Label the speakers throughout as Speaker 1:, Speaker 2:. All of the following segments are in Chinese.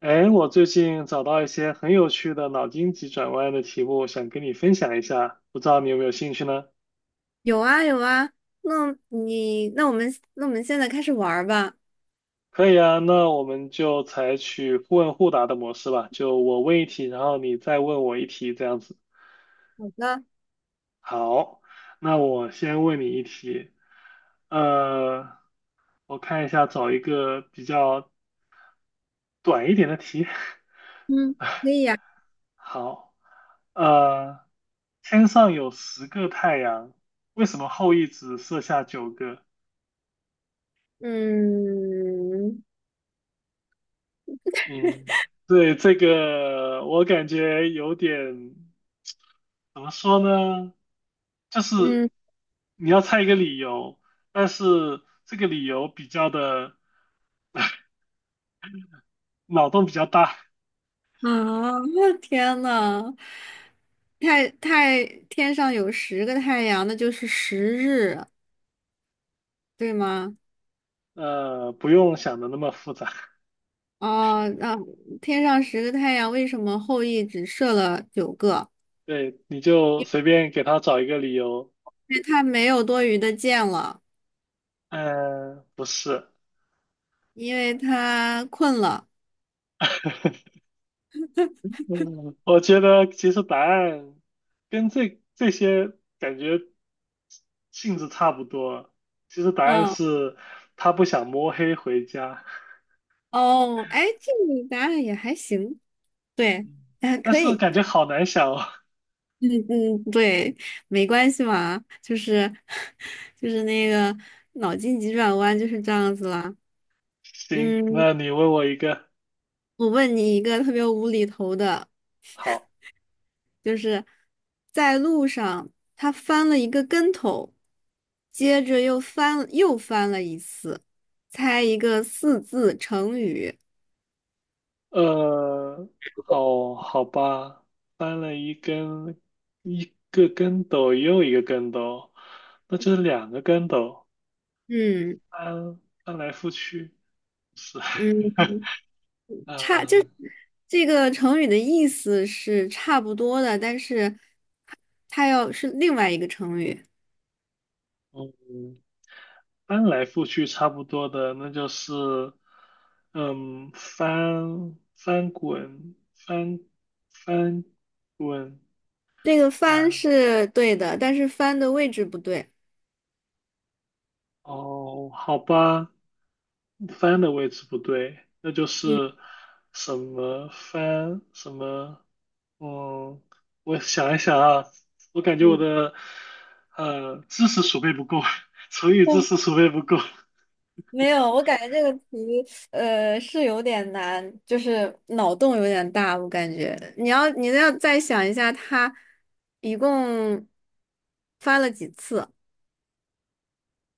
Speaker 1: 哎，我最近找到一些很有趣的脑筋急转弯的题目，想跟你分享一下，不知道你有没有兴趣呢？
Speaker 2: 有啊有啊，那我们现在开始玩儿吧。
Speaker 1: 可以啊，那我们就采取互问互答的模式吧，就我问一题，然后你再问我一题，这样子。
Speaker 2: 好的，
Speaker 1: 好，那我先问你一题，呃，我看一下，找一个比较短一点的题。
Speaker 2: 嗯，可以呀、
Speaker 1: 好，呃，天上有十个太阳，为什么后羿只射下九个？
Speaker 2: 嗯
Speaker 1: 嗯，对，这个我感觉有点，怎么说呢？就是
Speaker 2: 嗯
Speaker 1: 你要猜一个理由，但是这个理由比较的脑洞比较大，
Speaker 2: 啊，我天呐，天上有十个太阳，那就是十日，对吗？
Speaker 1: 不用想的那么复杂。
Speaker 2: 哦，那、天上十个太阳，为什么后羿只射了九个？
Speaker 1: 对，你就随便给他找一个理由，
Speaker 2: 因为他没有多余的箭了，
Speaker 1: 不是，
Speaker 2: 因为他困了。
Speaker 1: 嗯，我觉得其实答案跟这些感觉性质差不多。其实答案
Speaker 2: 嗯，
Speaker 1: 是他不想摸黑回家，
Speaker 2: 哦，哎，这个答案也还行。对 啊，
Speaker 1: 但
Speaker 2: 可
Speaker 1: 是
Speaker 2: 以，
Speaker 1: 感觉好难想哦。
Speaker 2: 嗯嗯，对，没关系嘛，就是 就是那个脑筋急转弯就是这样子啦。
Speaker 1: 行，
Speaker 2: 嗯，
Speaker 1: 那你问我一个，
Speaker 2: 我问你一个特别无厘头的，
Speaker 1: 好，
Speaker 2: 就是在路上他翻了一个跟头，接着又翻了一次，猜一个四字成语。
Speaker 1: 呃，好好吧，翻了一根，一个跟斗又一个跟斗，那就是两个跟斗，
Speaker 2: 嗯
Speaker 1: 翻来覆去是，
Speaker 2: 嗯，
Speaker 1: 嗯、
Speaker 2: 就这个成语的意思是差不多的，但是。它要是另外一个成语。
Speaker 1: 嗯翻来覆去差不多的，那就是，嗯，翻滚，
Speaker 2: 这个翻是对的，但是翻的位置不对。
Speaker 1: 哦，好吧，翻的位置不对，那就
Speaker 2: 嗯
Speaker 1: 是什么翻什么，嗯，我想一想啊，我感觉我
Speaker 2: 嗯，
Speaker 1: 的知识储备不够，成语知识
Speaker 2: 但
Speaker 1: 储备不够，
Speaker 2: 没有，我感觉这个题是有点难，就是脑洞有点大，我感觉。你要再想一下，它一共翻了几次？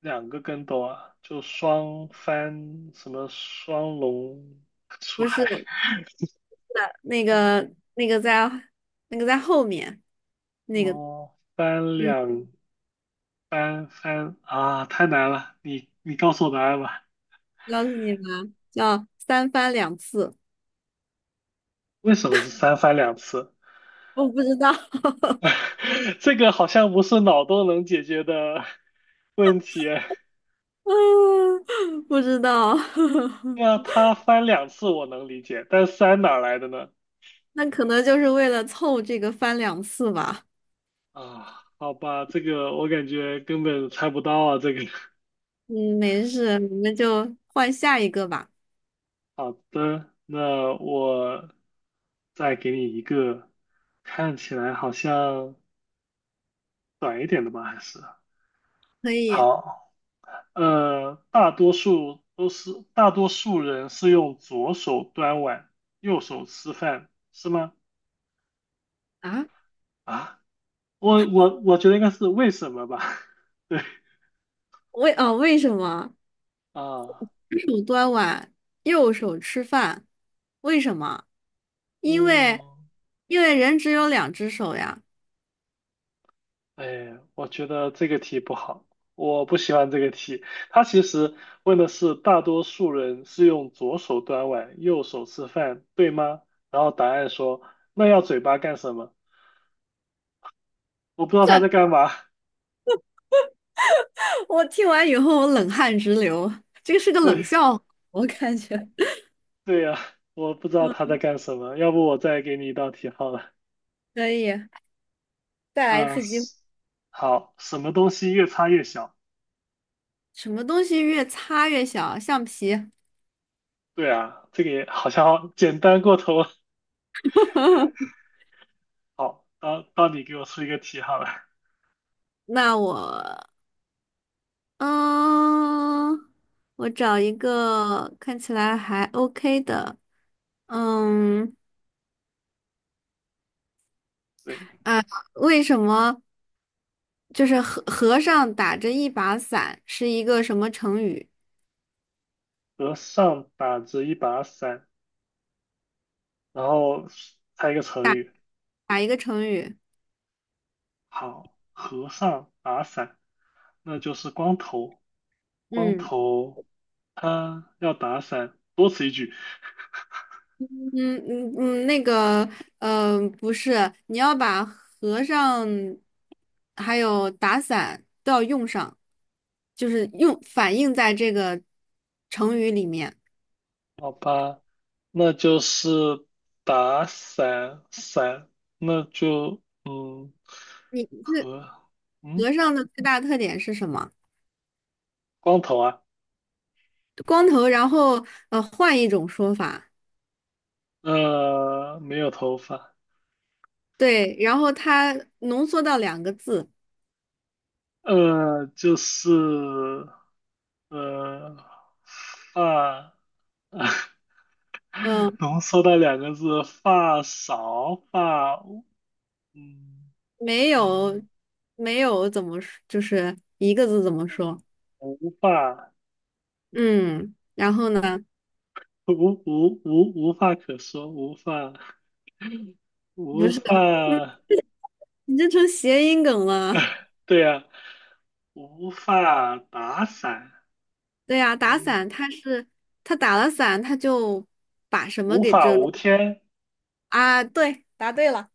Speaker 1: 两个跟斗啊，就双翻什么双龙 出
Speaker 2: 不
Speaker 1: 海
Speaker 2: 是，那个在后面那个，
Speaker 1: 哦，翻
Speaker 2: 嗯，
Speaker 1: 两翻翻啊，太难了，你告诉我答案吧，
Speaker 2: 告诉你吧，叫三翻两次。
Speaker 1: 为什么是三翻两次？
Speaker 2: 我不知道，
Speaker 1: 这个好像不是脑洞能解决的 问题啊。
Speaker 2: 嗯，不知道，
Speaker 1: 对啊 他翻两次我能理解，但三哪儿来的呢？
Speaker 2: 那可能就是为了凑这个翻两次吧。
Speaker 1: 啊，好吧，这个我感觉根本猜不到啊，这个。
Speaker 2: 嗯，没事，我们就换下一个吧。
Speaker 1: 好的，那我再给你一个看起来好像短一点的吧，还是
Speaker 2: 可以
Speaker 1: 好，大多数都是大多数人是用左手端碗，右手吃饭，是吗？
Speaker 2: 啊？
Speaker 1: 啊，我觉得应该是为什么吧？对
Speaker 2: 为什么
Speaker 1: 啊，
Speaker 2: 左手端碗，右手吃饭？为什么？因为
Speaker 1: 嗯。
Speaker 2: 因为人只有两只手呀。
Speaker 1: 哎，我觉得这个题不好，我不喜欢这个题。它其实问的是大多数人是用左手端碗，右手吃饭，对吗？然后答案说那要嘴巴干什么？我不知道他在
Speaker 2: 这
Speaker 1: 干嘛。
Speaker 2: 我听完以后，我冷汗直流。这个是个冷
Speaker 1: 对
Speaker 2: 笑话，我感觉。
Speaker 1: 对呀，我不知道 他
Speaker 2: 嗯，
Speaker 1: 在干什么。要不我再给你一道题好了。
Speaker 2: 可以，再来一
Speaker 1: 啊、
Speaker 2: 次机会。
Speaker 1: 是好，什么东西越擦越小？
Speaker 2: 什么东西越擦越小？橡皮。
Speaker 1: 对啊，这个也好像简单过头了。好，到你给我出一个题好了。
Speaker 2: 那我，嗯，我找一个看起来还 OK 的，嗯，
Speaker 1: 对。
Speaker 2: 啊，为什么就是和尚打着一把伞是一个什么成语？
Speaker 1: 和尚打着一把伞，然后猜一个成语。
Speaker 2: 打一个成语。
Speaker 1: 好，和尚打伞，那就是光头。光
Speaker 2: 嗯
Speaker 1: 头他要打伞，多此一举。
Speaker 2: 嗯嗯嗯，那个，不是，你要把和尚还有打伞都要用上，就是用反映在这个成语里面。
Speaker 1: 好吧，那就是打伞伞，那就嗯
Speaker 2: 你
Speaker 1: 和嗯
Speaker 2: 和尚的最大特点是什么？
Speaker 1: 光头啊，
Speaker 2: 光头，然后换一种说法，
Speaker 1: 没有头发，
Speaker 2: 对，然后他浓缩到两个字，
Speaker 1: 就是呃发。
Speaker 2: 嗯，
Speaker 1: 浓缩的两个字，发少发嗯
Speaker 2: 没
Speaker 1: 嗯，
Speaker 2: 有，没有怎么说，就是一个字怎么说？
Speaker 1: 无发
Speaker 2: 嗯，然后呢？
Speaker 1: 无无话可说，
Speaker 2: 不
Speaker 1: 无
Speaker 2: 是，嗯
Speaker 1: 话，
Speaker 2: 你这成谐音梗了。
Speaker 1: 对呀、无法打伞，
Speaker 2: 对呀、打
Speaker 1: 无
Speaker 2: 伞，他打了伞，他就把什么
Speaker 1: 无
Speaker 2: 给
Speaker 1: 法
Speaker 2: 遮住
Speaker 1: 无天
Speaker 2: 啊？对，答对了，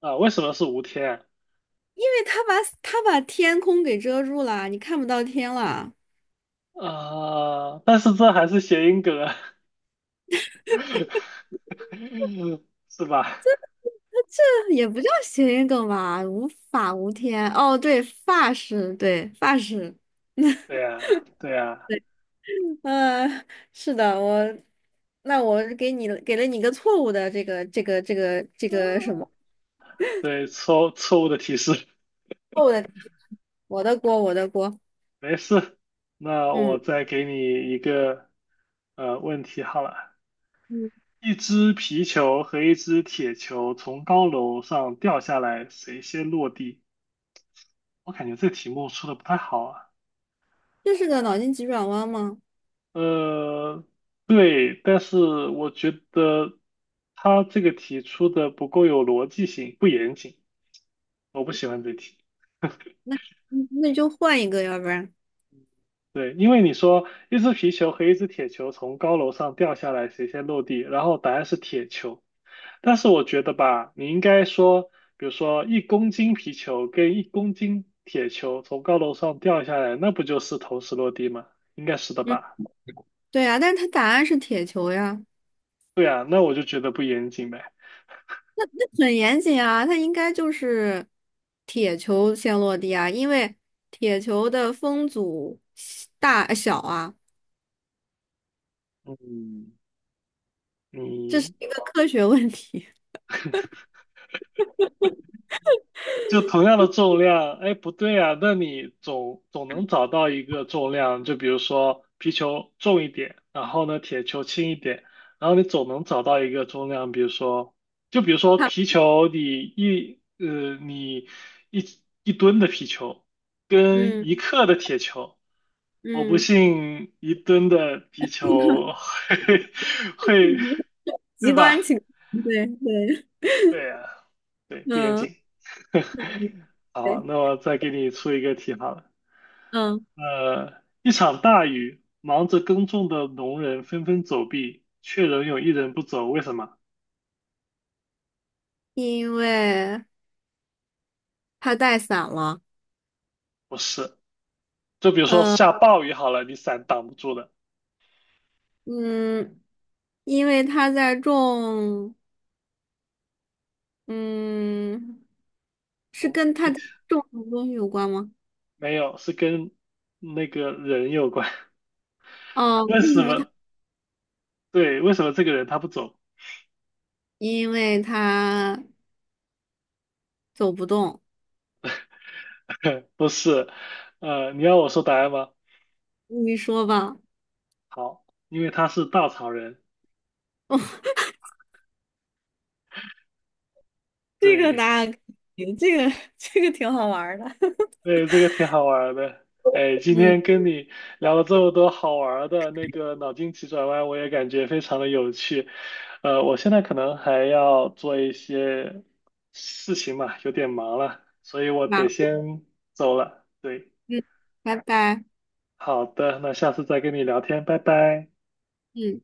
Speaker 1: 啊？为什么是无天
Speaker 2: 因为他把天空给遮住了，你看不到天了。
Speaker 1: 啊？啊但是这还是谐音梗啊，是吧？
Speaker 2: 这也不叫谐音梗吧？无法无天。哦，对，发饰，对，发饰。
Speaker 1: 对呀、对呀、
Speaker 2: 嗯，是的，那我给了你一个错误的这个什
Speaker 1: 呃
Speaker 2: 么？
Speaker 1: 对，错误的提示，
Speaker 2: 错误的，我的锅，我的锅。
Speaker 1: 没事，那我
Speaker 2: 嗯
Speaker 1: 再给你一个问题好了。
Speaker 2: 嗯，
Speaker 1: 一只皮球和一只铁球从高楼上掉下来，谁先落地？我感觉这题目出的不太好啊。
Speaker 2: 这是个脑筋急转弯吗？
Speaker 1: 呃，对，但是我觉得他这个题出的不够有逻辑性，不严谨，我不喜欢这题。
Speaker 2: 嗯，那就换一个，要不然。
Speaker 1: 对，因为你说一只皮球和一只铁球从高楼上掉下来，谁先落地？然后答案是铁球。但是我觉得吧，你应该说，比如说一公斤皮球跟一公斤铁球从高楼上掉下来，那不就是同时落地吗？应该是的
Speaker 2: 嗯，
Speaker 1: 吧？
Speaker 2: 对呀，但是它答案是铁球呀。
Speaker 1: 对啊，那我就觉得不严谨呗。
Speaker 2: 很严谨啊，它应该就是铁球先落地啊，因为铁球的风阻小啊，
Speaker 1: 嗯，
Speaker 2: 这
Speaker 1: 你
Speaker 2: 是一个科学问题。
Speaker 1: 就同样的重量，哎，不对啊，那你总能找到一个重量，就比如说皮球重一点，然后呢铁球轻一点，然后你总能找到一个重量，比如说，就比如说
Speaker 2: 它
Speaker 1: 皮球，你你一一吨的皮球跟
Speaker 2: 嗯
Speaker 1: 一克的铁球，我不
Speaker 2: 嗯，
Speaker 1: 信一吨的皮球会 会，
Speaker 2: 极
Speaker 1: 对吧？
Speaker 2: 端情况，对对，
Speaker 1: 对啊，对，不严
Speaker 2: 嗯
Speaker 1: 谨。好，
Speaker 2: 对，
Speaker 1: 那我再给你出一个题好了。
Speaker 2: 嗯，
Speaker 1: 呃，一场大雨，忙着耕种的农人纷纷走避，却仍有一人不走，为什么？
Speaker 2: 因为它带伞了，
Speaker 1: 不是，就比如说下暴雨好了，你伞挡不住的，
Speaker 2: 嗯，因为它在种，嗯，是
Speaker 1: 嗯，
Speaker 2: 跟它在种什么东西有关吗？
Speaker 1: 没有，是跟那个人有关。
Speaker 2: 哦，
Speaker 1: 为
Speaker 2: 为
Speaker 1: 什
Speaker 2: 什么它？
Speaker 1: 么？对，为什么这个人他不走？
Speaker 2: 因为它走不动。
Speaker 1: 不是，你要我说答案吗？
Speaker 2: 你说吧，
Speaker 1: 好，因为他是稻草人。
Speaker 2: 哦，这个答
Speaker 1: 对，
Speaker 2: 案可以，这个 这个挺好玩儿的。
Speaker 1: 对，这个挺好玩儿的。哎，今
Speaker 2: 嗯，
Speaker 1: 天跟你聊了这么多好玩儿的那个脑筋急转弯，我也感觉非常的有趣。我现在可能还要做一些事情嘛，有点忙了，所以我得
Speaker 2: 那
Speaker 1: 先走了。对，
Speaker 2: 嗯，拜拜，
Speaker 1: 好的，那下次再跟你聊天，拜拜。
Speaker 2: 嗯。